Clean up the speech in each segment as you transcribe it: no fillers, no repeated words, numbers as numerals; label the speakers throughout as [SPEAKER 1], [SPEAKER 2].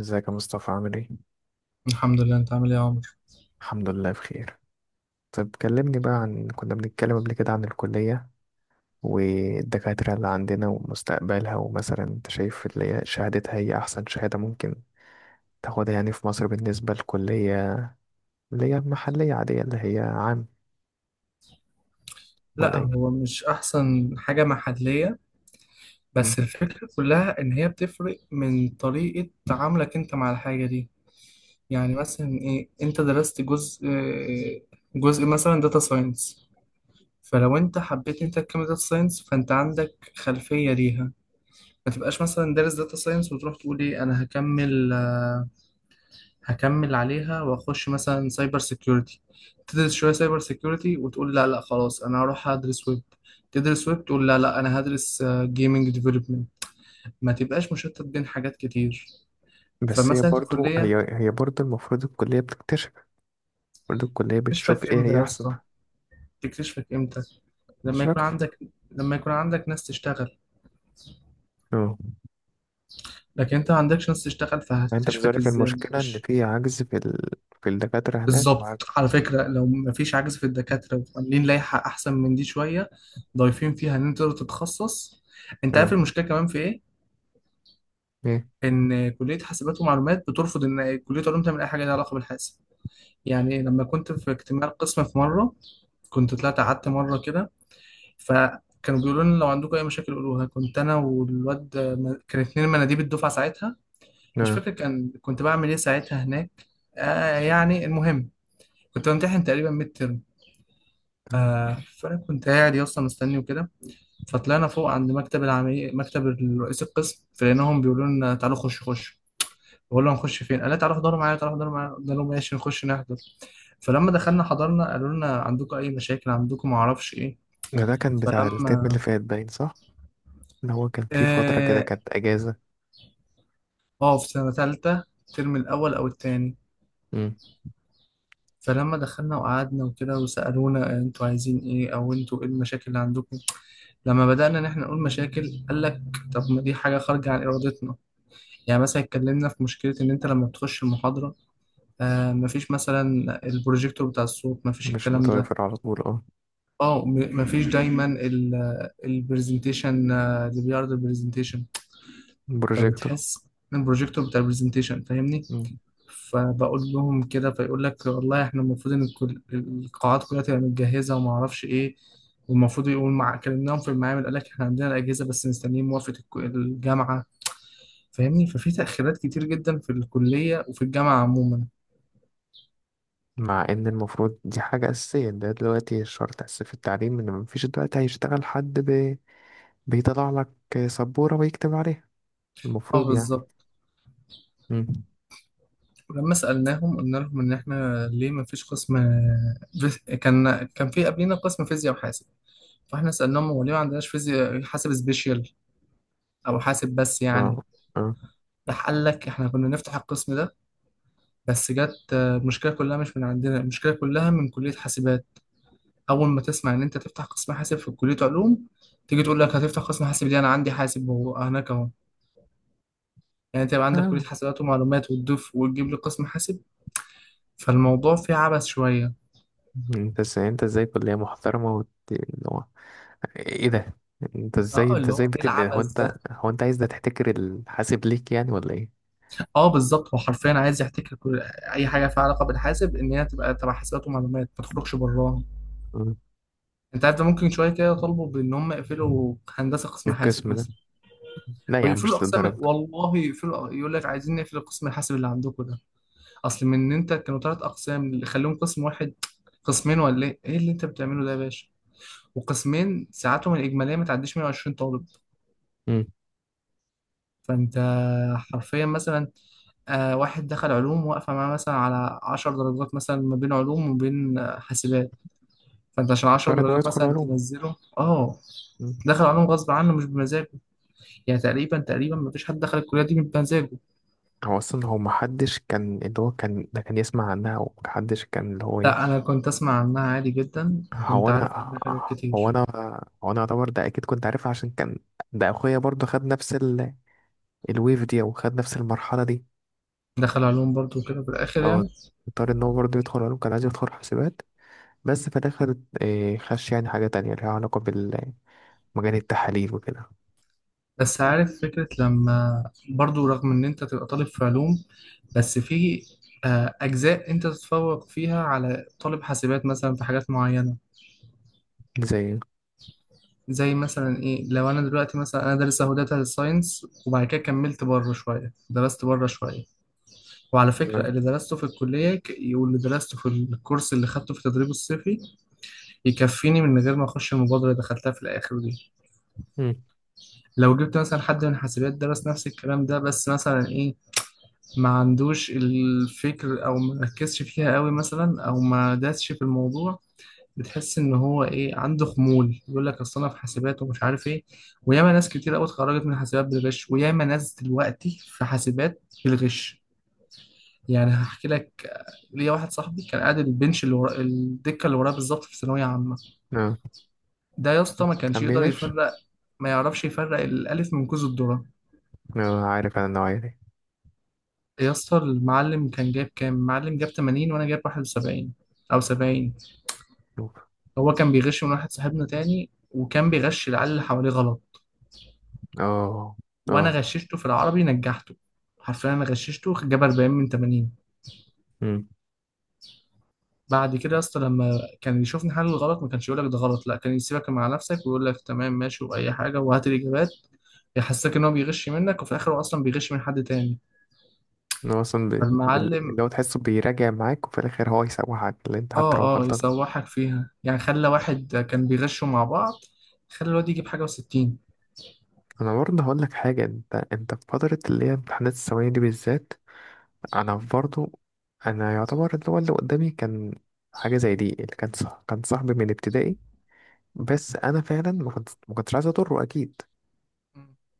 [SPEAKER 1] ازيك يا مصطفى؟ عامل ايه؟
[SPEAKER 2] الحمد لله. انت عامل ايه يا عمر؟
[SPEAKER 1] الحمد لله بخير. طب كلمني بقى، كنا بنتكلم قبل كده عن الكلية والدكاترة اللي عندنا ومستقبلها. ومثلا انت شايف اللي هي شهادتها، هي أحسن شهادة ممكن تاخدها يعني في مصر بالنسبة للكلية، اللي هي المحلية عادية، اللي هي عام، ولا
[SPEAKER 2] لا،
[SPEAKER 1] ايه؟
[SPEAKER 2] هو مش احسن حاجه محليه،
[SPEAKER 1] مم.
[SPEAKER 2] بس الفكره كلها ان هي بتفرق من طريقه تعاملك انت مع الحاجه دي. يعني مثلا ايه، انت درست جزء مثلا داتا ساينس، فلو انت حبيت انت تكمل داتا ساينس فانت عندك خلفيه ليها. ما تبقاش مثلا دارس داتا ساينس وتروح تقول ايه انا هكمل، عليها واخش مثلا سايبر سيكيورتي، تدرس شويه سايبر سيكيورتي وتقول لا لا خلاص انا هروح ادرس ويب، تدرس ويب تقول لا لا انا هدرس جيمنج ديفلوبمنت. ما تبقاش مشتت بين حاجات كتير.
[SPEAKER 1] بس هي
[SPEAKER 2] فمثلا
[SPEAKER 1] برضو
[SPEAKER 2] الكليه
[SPEAKER 1] هي برضو المفروض الكلية بتكتشف. برضو الكلية
[SPEAKER 2] تكتشفك
[SPEAKER 1] بتشوف ايه
[SPEAKER 2] امتى
[SPEAKER 1] هي
[SPEAKER 2] يا
[SPEAKER 1] أحسن.
[SPEAKER 2] اسطى؟ تكتشفك امتى؟
[SPEAKER 1] مش
[SPEAKER 2] لما يكون
[SPEAKER 1] فاكر.
[SPEAKER 2] عندك، لما يكون عندك ناس تشتغل.
[SPEAKER 1] اه.
[SPEAKER 2] لكن انت ما عندكش ناس تشتغل
[SPEAKER 1] يعني انت
[SPEAKER 2] فهتكتشفك
[SPEAKER 1] بذلك
[SPEAKER 2] ازاي؟
[SPEAKER 1] المشكلة ان
[SPEAKER 2] مش
[SPEAKER 1] في عجز في الدكاترة هناك،
[SPEAKER 2] بالظبط.
[SPEAKER 1] وعجز.
[SPEAKER 2] على فكرة، لو مفيش عجز في الدكاترة وعاملين لائحة أحسن من دي شوية ضايفين فيها إن أنت تقدر تتخصص. أنت عارف
[SPEAKER 1] اه.
[SPEAKER 2] المشكلة كمان في إيه؟
[SPEAKER 1] ايه؟
[SPEAKER 2] إن كلية حاسبات ومعلومات بترفض إن كلية علوم تعمل أي حاجة ليها علاقة بالحاسب. يعني لما كنت في اجتماع القسم في مرة، كنت طلعت قعدت مرة كده، فكانوا بيقولوا لنا لو عندكم أي مشاكل قولوها. كنت أنا والواد، كان اتنين مناديب الدفعة ساعتها. مش
[SPEAKER 1] اه.
[SPEAKER 2] فاكر كان كنت بعمل إيه ساعتها هناك. يعني المهم، كنت بمتحن تقريبا ميد.
[SPEAKER 1] تمام.
[SPEAKER 2] فانا كنت قاعد يا اسطى مستني وكده، فطلعنا فوق عند مكتب العميد، مكتب رئيس القسم، فلقيناهم بيقولوا لنا تعالوا خش خش. بقول لهم نخش فين؟ قال لي تعالوا احضروا معايا، تعالوا احضروا معايا. قلت لهم ماشي نخش نحضر. فلما دخلنا حضرنا قالوا لنا عندكم اي مشاكل، عندكم ما اعرفش ايه.
[SPEAKER 1] ده كان بتاع الترم اللي
[SPEAKER 2] فلما
[SPEAKER 1] فات، باين صح، ان هو كان في فترة كده
[SPEAKER 2] اه،
[SPEAKER 1] كانت اجازة.
[SPEAKER 2] في سنه ثالثه الترم الاول او الثاني.
[SPEAKER 1] مم.
[SPEAKER 2] فلما دخلنا وقعدنا وكده وسالونا انتوا عايزين ايه، او انتوا ايه المشاكل اللي عندكم. لما بدانا ان احنا نقول مشاكل قال لك طب ما دي حاجه خارجه عن ارادتنا. يعني مثلا اتكلمنا في مشكلة إن أنت لما بتخش المحاضرة، مفيش مثلا البروجيكتور بتاع الصوت، مفيش
[SPEAKER 1] مش
[SPEAKER 2] الكلام ده.
[SPEAKER 1] متوافر على طول، اه.
[SPEAKER 2] اه، مفيش دايما البرزنتيشن اللي بيعرض البرزنتيشن.
[SPEAKER 1] بروجيكتور.
[SPEAKER 2] فبتحس إن البروجيكتور بتاع البرزنتيشن، فاهمني؟
[SPEAKER 1] مم.
[SPEAKER 2] فبقول لهم كده فيقول لك والله احنا المفروض ان القاعات كلها تبقى متجهزة وما اعرفش ايه. والمفروض يقول مع، كلمناهم في المعامل قال لك احنا عندنا الأجهزة بس مستنيين موافقة الجامعة. فاهمني؟ ففي تأخيرات كتير جدا في الكلية وفي الجامعة عموما.
[SPEAKER 1] مع ان المفروض دي حاجة اساسية، ده دلوقتي شرط اساسي في التعليم، ان مفيش دلوقتي هيشتغل حد بيطلع لك سبورة ويكتب عليها.
[SPEAKER 2] اه
[SPEAKER 1] المفروض يعني.
[SPEAKER 2] بالظبط.
[SPEAKER 1] مم.
[SPEAKER 2] ولما سألناهم قلنا لهم ان احنا ليه ما فيش قسم كان، كان في قبلنا قسم فيزياء وحاسب. فاحنا سألناهم هو ليه ما عندناش فيزياء حاسب سبيشال، او حاسب بس يعني.
[SPEAKER 1] اه، اه.
[SPEAKER 2] راح قال لك احنا كنا نفتح القسم ده بس جت المشكله كلها مش من عندنا، المشكله كلها من كلية حاسبات. اول ما تسمع ان انت تفتح قسم حاسب في كلية علوم، تيجي تقول لك هتفتح قسم حاسب ليه، انا عندي حاسب وهو هناك اهو. يعني انت يبقى عندك
[SPEAKER 1] آه.
[SPEAKER 2] كلية حاسبات ومعلومات وتضيف وتجيب لي قسم حاسب. فالموضوع فيه عبث شوية.
[SPEAKER 1] انت ازاي، كلية محترمة اللي هو، ايه ده؟ انت ازاي،
[SPEAKER 2] اه، اللي هو ايه
[SPEAKER 1] هو
[SPEAKER 2] العبث
[SPEAKER 1] انت
[SPEAKER 2] ده.
[SPEAKER 1] هو انت عايز ده تحتكر الحاسب ليك يعني، ولا ايه؟
[SPEAKER 2] اه بالظبط، هو حرفيا عايز يحتكر كل اي حاجه فيها علاقه بالحاسب ان هي تبقى تبع حسابات ومعلومات، ما تخرجش براها. انت عارف ده ممكن شويه كده يطالبوا بان هم يقفلوا هندسه قسم حاسب
[SPEAKER 1] القسم ده؟
[SPEAKER 2] مثلا،
[SPEAKER 1] لا
[SPEAKER 2] او
[SPEAKER 1] يا عم،
[SPEAKER 2] يقفلوا
[SPEAKER 1] مش
[SPEAKER 2] الاقسام.
[SPEAKER 1] للدرجة.
[SPEAKER 2] والله يقفلوا، يقول لك عايزين نقفل قسم الحاسب اللي عندكم ده. اصل من ان انت كانوا ثلاث اقسام، اللي خليهم قسم واحد، قسمين ولا ايه. ايه اللي انت بتعمله ده يا باشا؟ وقسمين ساعاتهم الاجماليه ما تعديش 120 طالب.
[SPEAKER 1] امم.
[SPEAKER 2] فانت حرفيا مثلا، واحد دخل علوم واقفة معاه مثلا على عشر درجات، مثلا ما بين علوم وبين حاسبات، فانت عشان عشر
[SPEAKER 1] اضطر ان هو
[SPEAKER 2] درجات
[SPEAKER 1] يدخل
[SPEAKER 2] مثلا
[SPEAKER 1] علوم.
[SPEAKER 2] تنزله. اه،
[SPEAKER 1] مم.
[SPEAKER 2] دخل علوم غصب عنه مش بمزاجه. يعني تقريبا ما فيش حد دخل الكلية دي بمزاجه.
[SPEAKER 1] هو اصلا، هو محدش كان، اللي هو كان، ده كان يسمع عنها، ومحدش كان اللي هو ايه.
[SPEAKER 2] لا، انا كنت اسمع عنها عادي جدا، كنت
[SPEAKER 1] هو
[SPEAKER 2] عارف
[SPEAKER 1] انا
[SPEAKER 2] عنها حاجات
[SPEAKER 1] هو
[SPEAKER 2] كتير.
[SPEAKER 1] انا هو انا اعتبر ده اكيد كنت عارفها عشان كان، ده اخويا برضه خد نفس الويف دي، او خد نفس المرحلة دي.
[SPEAKER 2] دخل علوم برضو كده في الاخر
[SPEAKER 1] اه.
[SPEAKER 2] يعني.
[SPEAKER 1] اضطر ان هو برضه يدخل علوم، كان عايز يدخل حسابات، بس في الاخر إيه، خش يعني حاجة تانية ليها علاقة بالمجال، التحاليل وكده.
[SPEAKER 2] بس عارف فكرة لما، برضو رغم ان انت تبقى طالب في علوم، بس في اجزاء انت تتفوق فيها على طالب حاسبات مثلا في حاجات معينة.
[SPEAKER 1] زي.
[SPEAKER 2] زي مثلا ايه، لو انا دلوقتي مثلا انا دارس اهو داتا ساينس وبعد كده كملت بره شويه، درست بره شويه. وعلى فكره، اللي درسته في الكليه واللي درسته في الكورس اللي خدته في التدريب الصيفي يكفيني، من غير ما اخش المبادره اللي دخلتها في الاخر دي.
[SPEAKER 1] امم.
[SPEAKER 2] لو جبت مثلا حد من حاسبات درس نفس الكلام ده، بس مثلا ايه ما عندوش الفكر، او ما ركزش فيها قوي مثلا، او ما داسش في الموضوع، بتحس ان هو ايه عنده خمول، يقول لك اصل انا في حاسبات ومش عارف ايه. وياما ناس كتير قوي اتخرجت من حاسبات بالغش، وياما ناس دلوقتي في حاسبات بالغش. يعني هحكي لك، ليا واحد صاحبي كان قاعد البنش اللي ورا الدكه اللي وراه بالظبط في ثانويه عامه.
[SPEAKER 1] اه.
[SPEAKER 2] ده يا اسطى ما كانش
[SPEAKER 1] كان
[SPEAKER 2] يقدر
[SPEAKER 1] بيغش.
[SPEAKER 2] يفرق، ما يعرفش يفرق الالف من كوز الذره.
[SPEAKER 1] اه، عارف انا النوعية دي.
[SPEAKER 2] يا اسطى، المعلم كان جايب كام؟ المعلم جاب 80 وانا جايب 71 او 70.
[SPEAKER 1] نوب.
[SPEAKER 2] هو كان بيغش من واحد صاحبنا تاني، وكان بيغش العيال اللي حواليه غلط.
[SPEAKER 1] اه، اه.
[SPEAKER 2] وانا غششته في العربي نجحته، حرفيا انا غششته جاب 40 من 80.
[SPEAKER 1] امم.
[SPEAKER 2] بعد كده يا اسطى لما كان يشوفني حل الغلط ما كانش يقول لك ده غلط، لا كان يسيبك مع نفسك ويقول لك تمام ماشي واي حاجه وهات الاجابات. يحسسك ان هو بيغش منك وفي الاخر هو اصلا بيغش من حد تاني.
[SPEAKER 1] إن هو اصلا
[SPEAKER 2] فالمعلم،
[SPEAKER 1] اللي هو تحسه بيراجع معاك، وفي الاخر هو يسوحك اللي انت حتى لو
[SPEAKER 2] اه اه
[SPEAKER 1] غلطان.
[SPEAKER 2] يسوحك فيها يعني. خلى واحد كان بيغشوا مع بعض، خلى الواد يجيب حاجه و60.
[SPEAKER 1] انا برضه هقول لك حاجه، انت في فتره اللي هي امتحانات الثانويه دي بالذات. انا برضه، انا يعتبر اللي هو اللي قدامي كان حاجه زي دي، اللي كان صح كان صاحبي من ابتدائي. بس انا فعلا ما كنتش عايز اضره اكيد.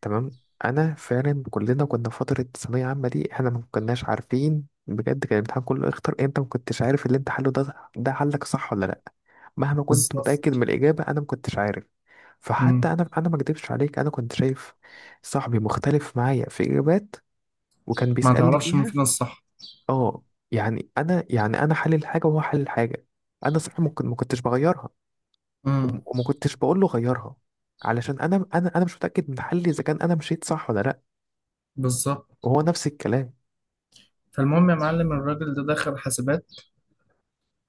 [SPEAKER 1] تمام. انا فعلا كلنا كنا في فتره ثانويه عامه دي، احنا ما كناش عارفين بجد. كان الامتحان كله اختر انت، ما كنتش عارف اللي انت حله ده، ده حلك صح ولا لا. مهما كنت متاكد
[SPEAKER 2] بالظبط.
[SPEAKER 1] من الاجابه، انا ما كنتش عارف.
[SPEAKER 2] مم.
[SPEAKER 1] فحتى انا ما اكدبش عليك، انا كنت شايف صاحبي مختلف معايا في اجابات، وكان
[SPEAKER 2] ما
[SPEAKER 1] بيسالني
[SPEAKER 2] تعرفش مين
[SPEAKER 1] فيها.
[SPEAKER 2] فينا الصح.
[SPEAKER 1] اه. يعني انا حلل حاجه وهو حلل حاجه. انا صح ممكن ما كنتش بغيرها.
[SPEAKER 2] مم.
[SPEAKER 1] وما كنتش بقول له غيرها، علشان انا مش متاكد من حلي اذا كان انا مشيت صح ولا لا.
[SPEAKER 2] بالظبط.
[SPEAKER 1] وهو نفس الكلام.
[SPEAKER 2] فالمهم يا معلم، الراجل ده دخل حاسبات،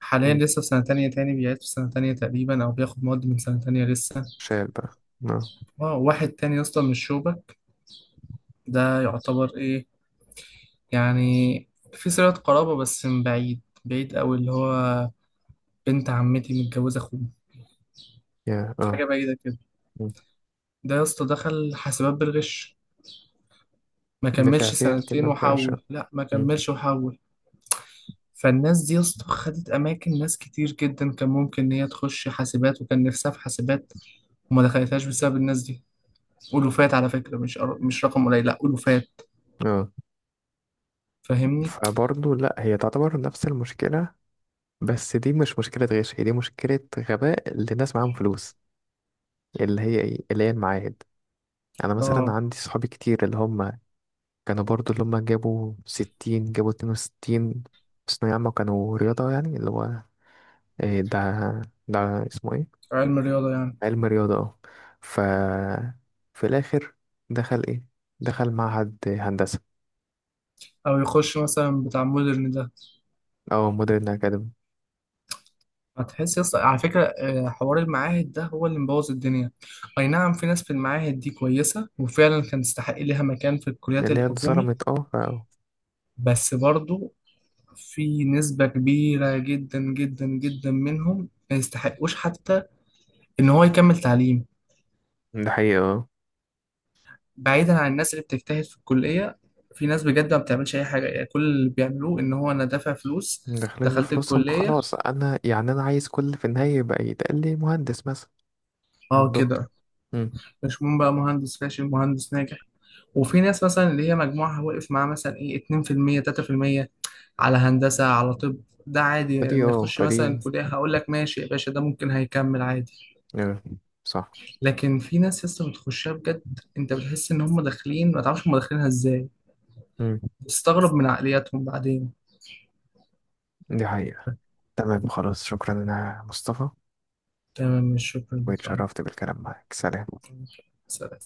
[SPEAKER 2] حاليا
[SPEAKER 1] مم.
[SPEAKER 2] لسه في سنة تانية، تاني بيعيد في سنة تانية تقريبا، أو بياخد مواد من سنة تانية لسه.
[SPEAKER 1] شال بقى. اه.
[SPEAKER 2] واحد تاني يا اسطى من الشوبة، ده يعتبر إيه يعني، في صلة قرابة بس من بعيد بعيد أوي، اللي هو بنت عمتي متجوزة أخوه،
[SPEAKER 1] يا، اه.
[SPEAKER 2] حاجة بعيدة كده.
[SPEAKER 1] مم.
[SPEAKER 2] ده يا اسطى دخل حاسبات بالغش، ما
[SPEAKER 1] نفع
[SPEAKER 2] كملش
[SPEAKER 1] فيها كده
[SPEAKER 2] سنتين
[SPEAKER 1] ما نفعش.
[SPEAKER 2] وحول، لا ما
[SPEAKER 1] مم.
[SPEAKER 2] كملش وحول. فالناس دي يا اسطى خدت أماكن ناس كتير جدا كان ممكن إن هي تخش حاسبات وكان نفسها في حاسبات، وما دخلتهاش بسبب الناس دي. ألوفات على فكرة، مش مش رقم قليل، لا ألوفات.
[SPEAKER 1] اه.
[SPEAKER 2] فاهمني؟
[SPEAKER 1] فبرضه لا، هي تعتبر نفس المشكلة، بس دي مش مشكلة غش، هي دي مشكلة غباء لناس معاهم فلوس، اللي هي ايه، اللي هي المعاهد. انا مثلا
[SPEAKER 2] اه،
[SPEAKER 1] عندي صحابي كتير اللي هم كانوا برضه، اللي هم جابوا 60، جابوا 62 في ثانوية عامة، كانوا رياضة يعني، اللي هو إيه ده، ده اسمه ايه؟
[SPEAKER 2] علم الرياضة يعني.
[SPEAKER 1] علم رياضة، اه. ف، في الآخر دخل إيه؟ دخل معهد هندسة،
[SPEAKER 2] أو يخش مثلا بتاع مودرن ده.
[SPEAKER 1] أو مودرن أكاديمي.
[SPEAKER 2] هتحس يا اسطى على فكرة، حوار المعاهد ده هو اللي مبوظ الدنيا. أي نعم، في ناس في المعاهد دي كويسة وفعلا كان تستحق ليها مكان في الكليات
[SPEAKER 1] اللي هي
[SPEAKER 2] الحكومي،
[SPEAKER 1] اتظلمت، اه،
[SPEAKER 2] بس برضو في نسبة كبيرة جدا جدا جدا منهم ما يستحقوش حتى إن هو يكمل تعليم.
[SPEAKER 1] ده حقيقة، اه.
[SPEAKER 2] بعيدا عن الناس اللي بتجتهد في الكلية، في ناس بجد ما بتعملش أي حاجة. يعني كل اللي بيعملوه إن هو أنا دافع فلوس،
[SPEAKER 1] داخلين
[SPEAKER 2] دخلت
[SPEAKER 1] بفلوسهم
[SPEAKER 2] الكلية،
[SPEAKER 1] خلاص، أنا يعني أنا عايز كل في النهاية يبقى يتقال لي مهندس مثلا، أو
[SPEAKER 2] أه كده.
[SPEAKER 1] دكتور. مم.
[SPEAKER 2] مش مهم بقى مهندس فاشل مهندس ناجح. وفي ناس مثلا اللي هي مجموعها واقف معاه مثلا إيه 2%، 3% على هندسة على طب. ده عادي يعني
[SPEAKER 1] فدي
[SPEAKER 2] لما
[SPEAKER 1] اه
[SPEAKER 2] يخش
[SPEAKER 1] فدي
[SPEAKER 2] مثلا كلية، هقول لك ماشي يا باشا، ده ممكن هيكمل عادي.
[SPEAKER 1] اه، صح.
[SPEAKER 2] لكن في ناس لسه بتخشها بجد، أنت بتحس إن هم داخلين، ما تعرفش هم داخلينها إزاي،
[SPEAKER 1] مم.
[SPEAKER 2] بتستغرب من عقلياتهم بعدين.
[SPEAKER 1] دي حقيقة. تمام، خلاص، شكرا. أنا مصطفى،
[SPEAKER 2] تمام، مش شكرا ليك.
[SPEAKER 1] واتشرفت بالكلام معاك. سلام.
[SPEAKER 2] سلام.